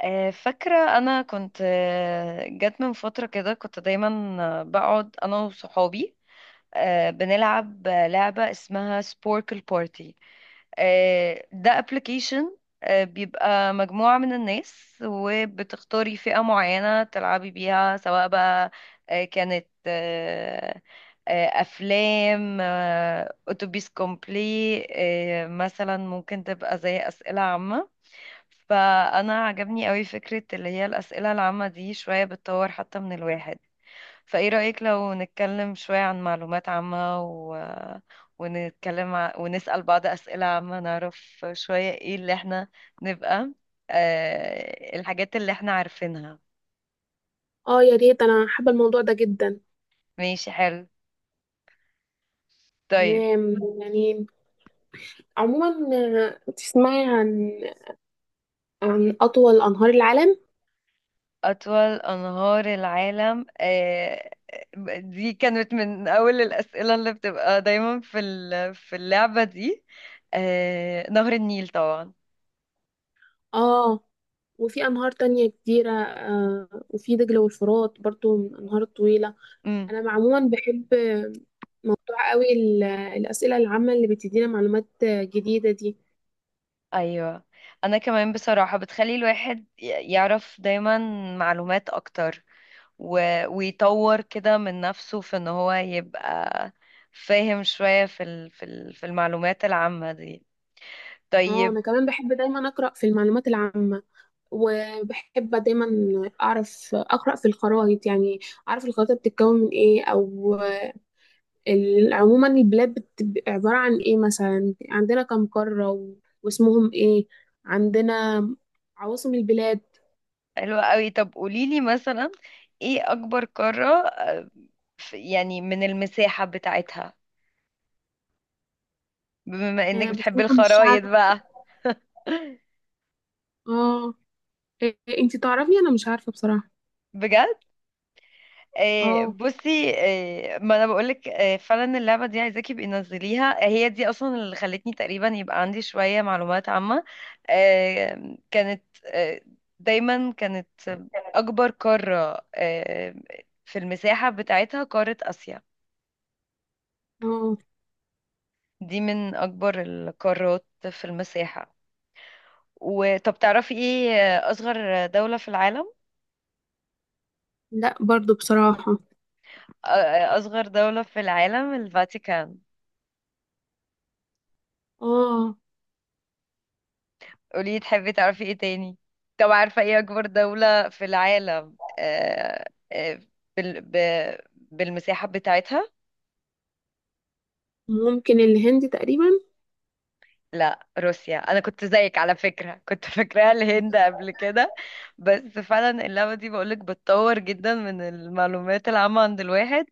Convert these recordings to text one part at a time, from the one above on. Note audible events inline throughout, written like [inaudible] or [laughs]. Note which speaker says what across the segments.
Speaker 1: فاكرة أنا كنت، جت من فترة كده كنت دايما بقعد أنا وصحابي، بنلعب لعبة اسمها سبوركل بارتي. ده ابلكيشن. بيبقى مجموعة من الناس وبتختاري فئة معينة تلعبي بيها، سواء بقى كانت أفلام، أتوبيس كومبلي. مثلا ممكن تبقى زي أسئلة عامة. فانا عجبني قوي فكرة اللي هي الأسئلة العامة دي، شوية بتطور حتى من الواحد. فايه رأيك لو نتكلم شوية عن معلومات عامة ونتكلم ونسأل بعض أسئلة عامة، نعرف شوية ايه اللي احنا نبقى الحاجات اللي احنا عارفينها.
Speaker 2: اه، يا ريت انا حابه الموضوع ده جدا.
Speaker 1: ماشي، حلو. طيب.
Speaker 2: تمام، يعني. عموما، تسمعي عن اطول انهار العالم.
Speaker 1: أطول أنهار العالم، دي كانت من أول الأسئلة اللي بتبقى دايما في اللعبة دي. نهر النيل طبعا.
Speaker 2: اه، وفي انهار تانية كتيره، وفي دجله والفرات برضو من انهار طويله.
Speaker 1: امم
Speaker 2: انا عموما بحب موضوع قوي، الاسئله العامه اللي بتدينا معلومات جديده دي.
Speaker 1: أيوة. أنا كمان بصراحة بتخلي الواحد يعرف دايما معلومات أكتر، ويطور كده من نفسه في إن هو يبقى فاهم شوية في المعلومات العامة دي.
Speaker 2: اه،
Speaker 1: طيب.
Speaker 2: انا كمان بحب دايما اقرا في المعلومات العامه، وبحب دايما اعرف اقرا في الخرائط. يعني اعرف الخريطه بتتكون من ايه، او عموما البلاد بتبقى عبارة عن ايه. مثلا عندنا كم قارة، واسمهم ايه، عندنا عواصم البلاد.
Speaker 1: حلوة قوي. طب قوليلي مثلا، ايه اكبر قارة؟ يعني من المساحة بتاعتها، بما انك بتحبي
Speaker 2: بتروح من الشعب.
Speaker 1: الخرايط بقى. [laughs]
Speaker 2: اه، إيه، انتي تعرفي؟ انا مش عارفة بصراحة.
Speaker 1: بجد؟
Speaker 2: اه.
Speaker 1: بصي. ما انا بقولك، فعلا اللعبة دي عايزاكي يبقي نزليها، هي دي اصلا اللي خلتني تقريبا يبقى عندي شوية معلومات عامة. كانت دايما كانت اكبر قارة في المساحة بتاعتها قارة اسيا.
Speaker 2: اه.
Speaker 1: دي من اكبر القارات في المساحة. وطب تعرفي ايه اصغر دولة في العالم؟
Speaker 2: لا، برضو بصراحة.
Speaker 1: أصغر دولة في العالم الفاتيكان.
Speaker 2: اه.
Speaker 1: قولي، تحبي تعرفي ايه تاني؟ طب عارفة ايه أكبر دولة في العالم؟ آه، بال... ب... بالمساحة بتاعتها؟
Speaker 2: ممكن الهند تقريبا.
Speaker 1: لا، روسيا. أنا كنت زيك على فكرة، كنت [laughs] فاكراها الهند قبل كده. بس فعلا اللعبة دي بقولك بتطور جدا من المعلومات العامة عند الواحد.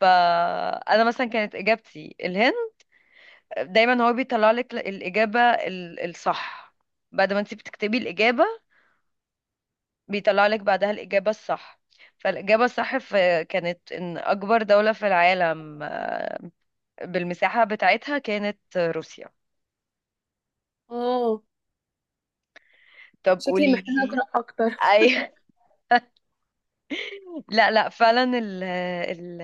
Speaker 1: فأنا مثلا كانت إجابتي الهند. دايما هو بيطلع لك الإجابة الصح، بعد ما انت بتكتبي الإجابة بيطلع لك بعدها الإجابة الصح. فالإجابة الصح في كانت إن أكبر دولة في العالم، بالمساحة بتاعتها كانت روسيا.
Speaker 2: اه،
Speaker 1: طب
Speaker 2: شكلي
Speaker 1: قولي
Speaker 2: محتاجة
Speaker 1: لي.
Speaker 2: أقرأ أكتر. [laughs]
Speaker 1: أي. [laughs] لا، لا، فعلا ال ال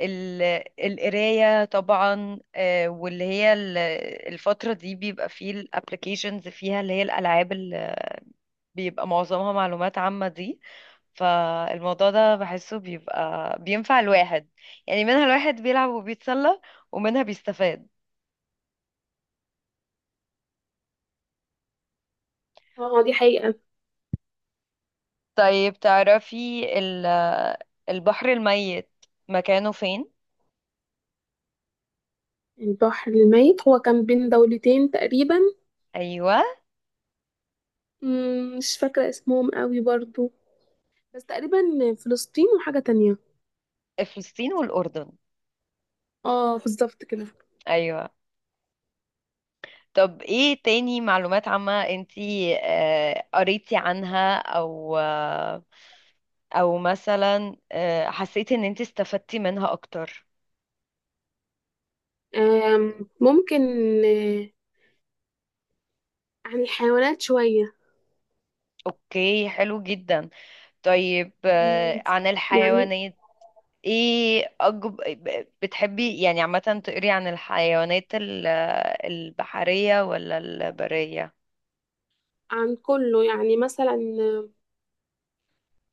Speaker 1: ال القراية طبعا، واللي هي الفترة دي بيبقى فيه الابلكيشنز، فيها اللي هي الألعاب اللي بيبقى معظمها معلومات عامة دي. فالموضوع ده بحسه بيبقى بينفع الواحد. يعني منها الواحد بيلعب وبيتسلى، ومنها بيستفاد.
Speaker 2: اه، دي حقيقة.
Speaker 1: طيب، تعرفي البحر الميت مكانه فين؟
Speaker 2: البحر الميت هو كان بين دولتين تقريبا.
Speaker 1: أيوة.
Speaker 2: مش فاكرة اسمهم قوي برضو، بس تقريبا فلسطين وحاجة تانية.
Speaker 1: فلسطين والأردن.
Speaker 2: اه، بالظبط كده.
Speaker 1: أيوة. طب ايه تاني معلومات عامة انتي قريتي عنها، او او مثلا حسيتي ان انتي استفدتي منها اكتر؟
Speaker 2: ممكن. آه، عن الحيوانات شوية.
Speaker 1: اوكي، حلو جدا. طيب،
Speaker 2: مم،
Speaker 1: عن
Speaker 2: يعني.
Speaker 1: الحيوانات. ايه بتحبي يعني عامة تقري عن الحيوانات، البحرية ولا البرية؟
Speaker 2: عن كله يعني، مثلا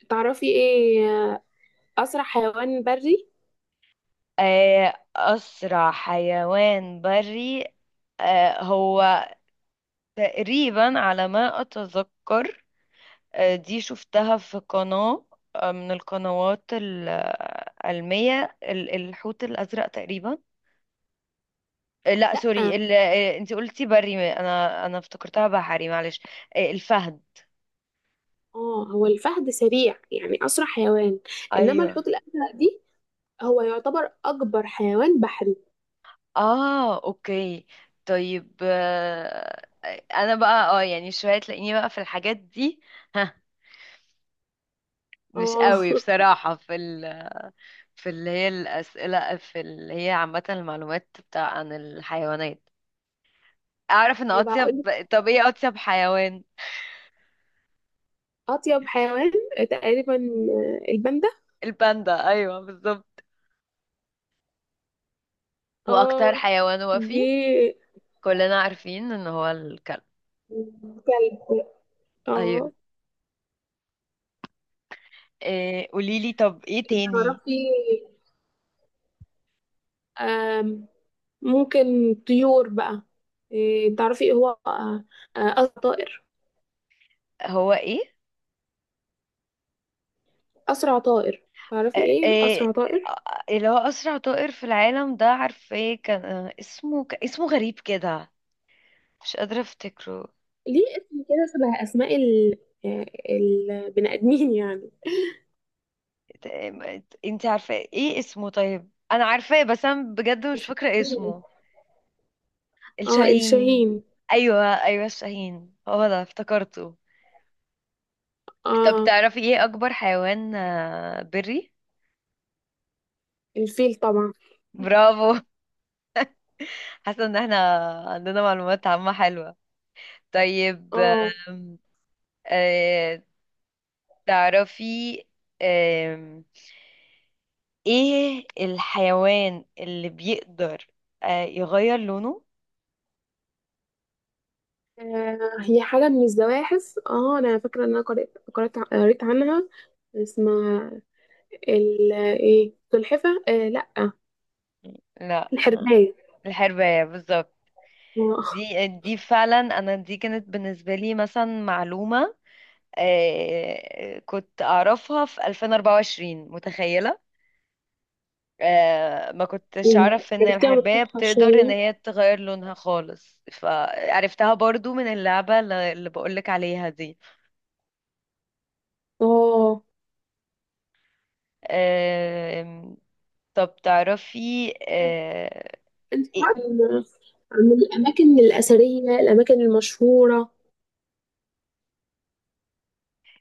Speaker 2: تعرفي ايه أسرع حيوان بري؟
Speaker 1: أسرع حيوان بري. هو تقريبا على ما أتذكر، دي شفتها في قناة، من القنوات العلمية، الحوت الأزرق تقريبا. لا،
Speaker 2: لأ.
Speaker 1: سوري، انتي قلتي بري، انا افتكرتها بحري، معلش. الفهد.
Speaker 2: اه، هو الفهد سريع يعني، أسرع حيوان. إنما
Speaker 1: أيوه.
Speaker 2: الحوت الأزرق دي، هو يعتبر أكبر حيوان بحري.
Speaker 1: اه، اوكي. طيب، انا بقى اه يعني شويه تلاقيني بقى في الحاجات دي. ها. مش
Speaker 2: اه. [laughs]
Speaker 1: قوي بصراحه في اللي هي الاسئله، في اللي هي عامه المعلومات بتاع عن الحيوانات. اعرف ان
Speaker 2: هيبقى
Speaker 1: اطيب.
Speaker 2: هقولك
Speaker 1: طب ايه اطيب حيوان؟
Speaker 2: أطيب حيوان، تقريبا الباندا.
Speaker 1: الباندا، ايوه بالظبط. هو اكتر
Speaker 2: اه.
Speaker 1: حيوان، وفي
Speaker 2: دي
Speaker 1: كلنا عارفين ان هو الكلب.
Speaker 2: كلب.
Speaker 1: ايوه.
Speaker 2: اه.
Speaker 1: إيه، قوليلي طب ايه تاني؟
Speaker 2: تعرفي، آم، ممكن طيور بقى. إيه، تعرفي ايه هو أسرع طائر؟
Speaker 1: هو ايه؟
Speaker 2: أسرع طائر، تعرفي
Speaker 1: آه،
Speaker 2: ايه
Speaker 1: آه،
Speaker 2: أسرع طائر؟
Speaker 1: اللي هو أسرع طائر في العالم ده، عارفة ايه كان؟ اسمه اسمه غريب كده، مش قادرة افتكره.
Speaker 2: ليه اسم كده شبه أسماء ال آه، البني آدمين يعني.
Speaker 1: انت عارفة ايه اسمه؟ طيب انا عارفاه، بس انا بجد مش
Speaker 2: اسمه
Speaker 1: فاكرة
Speaker 2: شاهين.
Speaker 1: اسمه.
Speaker 2: اه،
Speaker 1: الشاهين.
Speaker 2: الشاهين.
Speaker 1: ايوه، ايوه، الشاهين هو ده افتكرته. طب
Speaker 2: اه.
Speaker 1: تعرفي ايه اكبر حيوان بري؟
Speaker 2: الفيل طبعا.
Speaker 1: برافو. [laughs] حاسة ان احنا عندنا معلومات عامة حلوة. طيب.
Speaker 2: اه.
Speaker 1: آم، آه، تعرفي آم، ايه الحيوان اللي بيقدر يغير لونه؟
Speaker 2: هي حاجة من الزواحف. اه، أنا فاكرة إن أنا قريت عنها. اسمها ال ايه سلحفة، آه لأ.
Speaker 1: لا.
Speaker 2: الحرباية.
Speaker 1: الحرباية، بالظبط.
Speaker 2: آه.
Speaker 1: دي فعلا، انا دي كانت بالنسبة لي مثلا معلومة. كنت اعرفها في 2024، متخيلة. ما كنتش
Speaker 2: مم.
Speaker 1: اعرف ان
Speaker 2: عرفتي عن
Speaker 1: الحرباية
Speaker 2: القطحة
Speaker 1: بتقدر ان
Speaker 2: شوية.
Speaker 1: هي تغير لونها خالص، فعرفتها برضو من اللعبة اللي بقولك عليها دي.
Speaker 2: اه،
Speaker 1: آم، طب تعرفي إيه.
Speaker 2: الفرق. عن عن الأماكن الأثرية، الأماكن المشهورة.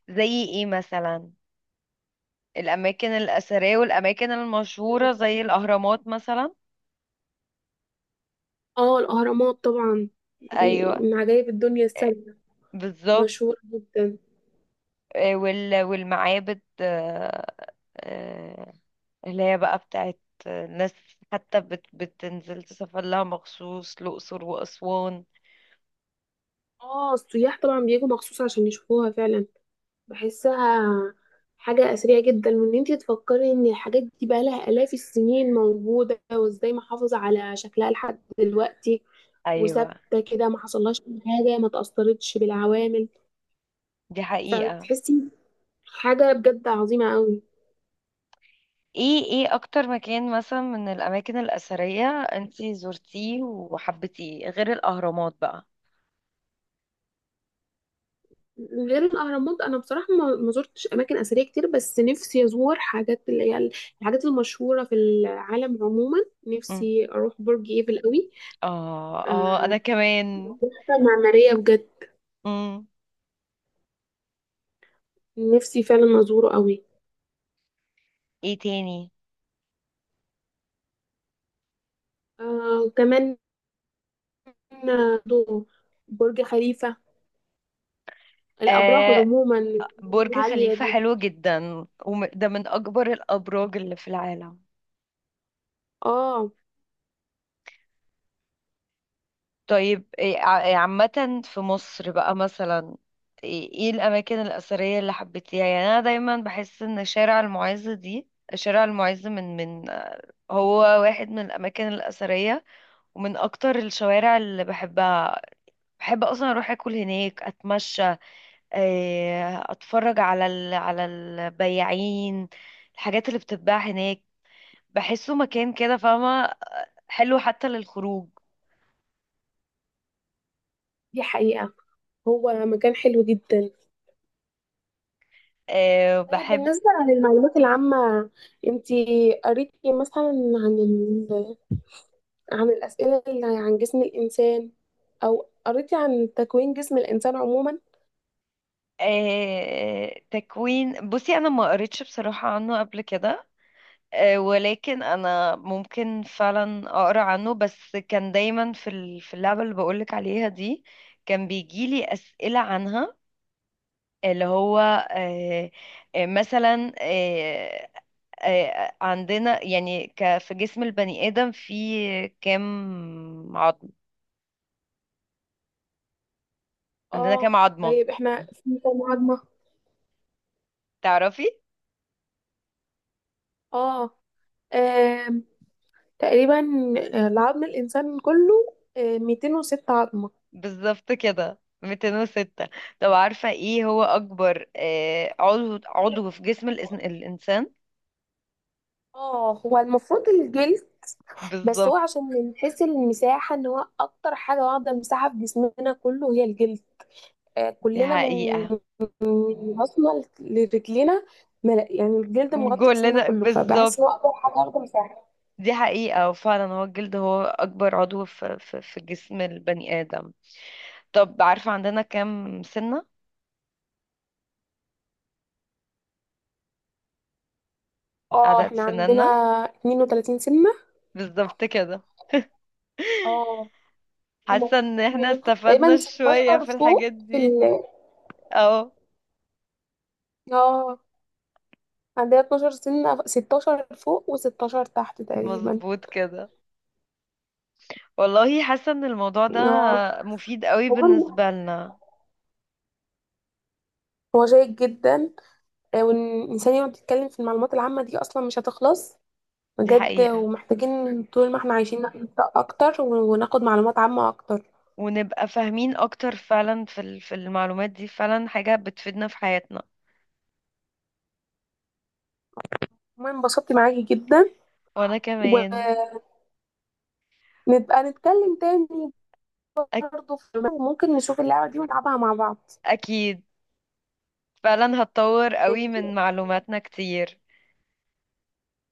Speaker 1: زي ايه مثلا؟ الاماكن الاثريه والاماكن المشهوره زي الاهرامات مثلا.
Speaker 2: اه، الأهرامات طبعا، دي
Speaker 1: ايوه،
Speaker 2: من عجائب الدنيا السبع.
Speaker 1: بالظبط.
Speaker 2: مشهورة جدا.
Speaker 1: والمعابد، آه، اللي هي بقى بتاعت ناس، حتى بتنزل تسافر لها مخصوص، الاقصر واسوان.
Speaker 2: اه، السياح طبعا بيجوا مخصوص عشان يشوفوها فعلا. بحسها حاجة أثرية جدا، وإن انتي تفكري إن الحاجات دي بقالها آلاف السنين موجودة، وإزاي محافظة على شكلها لحد دلوقتي،
Speaker 1: ايوه.
Speaker 2: وثابتة كده، ما حصلهاش أي حاجة، ما تأثرتش بالعوامل.
Speaker 1: دي حقيقه.
Speaker 2: فتحسي حاجة بجد عظيمة قوي.
Speaker 1: ايه اكتر مكان مثلا من الاماكن الاثريه انتي زرتيه وحبيتيه غير الاهرامات بقى؟
Speaker 2: غير الأهرامات، أنا بصراحة ما زرتش أماكن أثرية كتير، بس نفسي أزور حاجات اللي هي الحاجات المشهورة في العالم عموما.
Speaker 1: مم.
Speaker 2: نفسي أروح برج إيفل قوي.
Speaker 1: اه، اه،
Speaker 2: آه،
Speaker 1: انا كمان.
Speaker 2: تحفة معمارية بجد، نفسي فعلا أزوره قوي.
Speaker 1: ايه تاني؟
Speaker 2: وكمان آه، دو- برج خليفة، الأبراج
Speaker 1: آه
Speaker 2: عموما
Speaker 1: برج
Speaker 2: العالية
Speaker 1: خليفة
Speaker 2: دي.
Speaker 1: حلو جدا، وده من اكبر الابراج اللي في العالم.
Speaker 2: اه،
Speaker 1: طيب إيه إيه عامة في مصر بقى مثلا، ايه الاماكن الاثرية اللي حبيتيها؟ يعني انا دايما بحس ان شارع المعز دي، شارع المعز من هو واحد من الاماكن الاثرية، ومن اكتر الشوارع اللي بحبها. بحب اصلا اروح اكل هناك، اتمشى، إيه، اتفرج على البياعين، الحاجات اللي بتتباع هناك. بحسه مكان كده، فاهمة، حلو حتى للخروج.
Speaker 2: دي حقيقة. هو مكان حلو جدا.
Speaker 1: أه،
Speaker 2: طيب
Speaker 1: بحب.
Speaker 2: بالنسبة للمعلومات العامة، انتي قريتي مثلا عن ال... عن الأسئلة اللي عن جسم الإنسان، أو قريتي عن تكوين جسم الإنسان عموما؟
Speaker 1: أه، تكوين. بصي، أنا ما قريتش بصراحة عنه قبل كده. أه ولكن أنا ممكن فعلا أقرأ عنه، بس كان دايما في اللعبة اللي بقولك عليها دي كان بيجيلي أسئلة عنها، اللي هو مثلا عندنا يعني، في جسم البني آدم في كام عظم، عندنا
Speaker 2: اه.
Speaker 1: كام عظمة؟
Speaker 2: طيب احنا في كام عظمة؟
Speaker 1: تعرفي.
Speaker 2: اه. آم، تقريبا العظم الإنسان كله 206 عظمة.
Speaker 1: بالظبط كده، 206. طب عارفة ايه هو أكبر عضو في جسم الإنسان؟
Speaker 2: اه، هو المفروض الجلد، بس هو
Speaker 1: بالظبط.
Speaker 2: عشان من حيث المساحة ان هو أكتر حاجة واخدة مساحة في جسمنا كله هي الجلد.
Speaker 1: دي
Speaker 2: كلنا من
Speaker 1: حقيقة.
Speaker 2: من راسنا لرجلينا. يعني الجلد مغطي جسمنا
Speaker 1: كلنا
Speaker 2: كله،
Speaker 1: بالظبط.
Speaker 2: فبحس ان هو اقدر حاجه اخده مساحه.
Speaker 1: دي حقيقة. وفعلا هو الجلد هو أكبر عضو في جسم البني آدم. طب عارفة عندنا كام سنة،
Speaker 2: اه،
Speaker 1: عدد
Speaker 2: احنا عندنا
Speaker 1: سنانا؟
Speaker 2: 32 سنه.
Speaker 1: بالظبط كده. [laughs]
Speaker 2: اه، هما
Speaker 1: حاسة ان احنا استفدنا
Speaker 2: تقريبا
Speaker 1: شوية
Speaker 2: 16
Speaker 1: في الحاجات
Speaker 2: فوق في
Speaker 1: دي.
Speaker 2: ال
Speaker 1: اه،
Speaker 2: اه. عندنا 12 سنه، 16 فوق و16 تحت تقريبا.
Speaker 1: مظبوط كده. والله، حاسة ان الموضوع ده
Speaker 2: اه،
Speaker 1: مفيد قوي
Speaker 2: هو
Speaker 1: بالنسبة لنا.
Speaker 2: هو شيق جدا. وان الانسان يقعد يتكلم في المعلومات العامه دي اصلا مش هتخلص
Speaker 1: دي
Speaker 2: بجد،
Speaker 1: حقيقة.
Speaker 2: ومحتاجين طول ما احنا عايشين نقرا اكتر، وناخد معلومات عامة اكتر.
Speaker 1: ونبقى فاهمين اكتر فعلا في المعلومات دي، فعلا حاجة بتفيدنا في حياتنا.
Speaker 2: المهم انبسطت معاكي جدا،
Speaker 1: وانا كمان.
Speaker 2: ونبقى نتكلم تاني
Speaker 1: أك
Speaker 2: برضه. في ممكن نشوف اللعبة دي ونلعبها مع بعض.
Speaker 1: اكيد. فعلا هتطور قوي
Speaker 2: ماشي.
Speaker 1: من معلوماتنا كتير.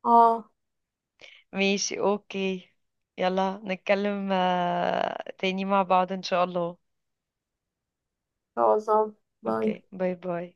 Speaker 2: اه، ان
Speaker 1: ماشي، اوكي. يلا نتكلم تاني مع بعض ان شاء الله.
Speaker 2: شاء الله.
Speaker 1: اوكي،
Speaker 2: باي.
Speaker 1: باي، باي.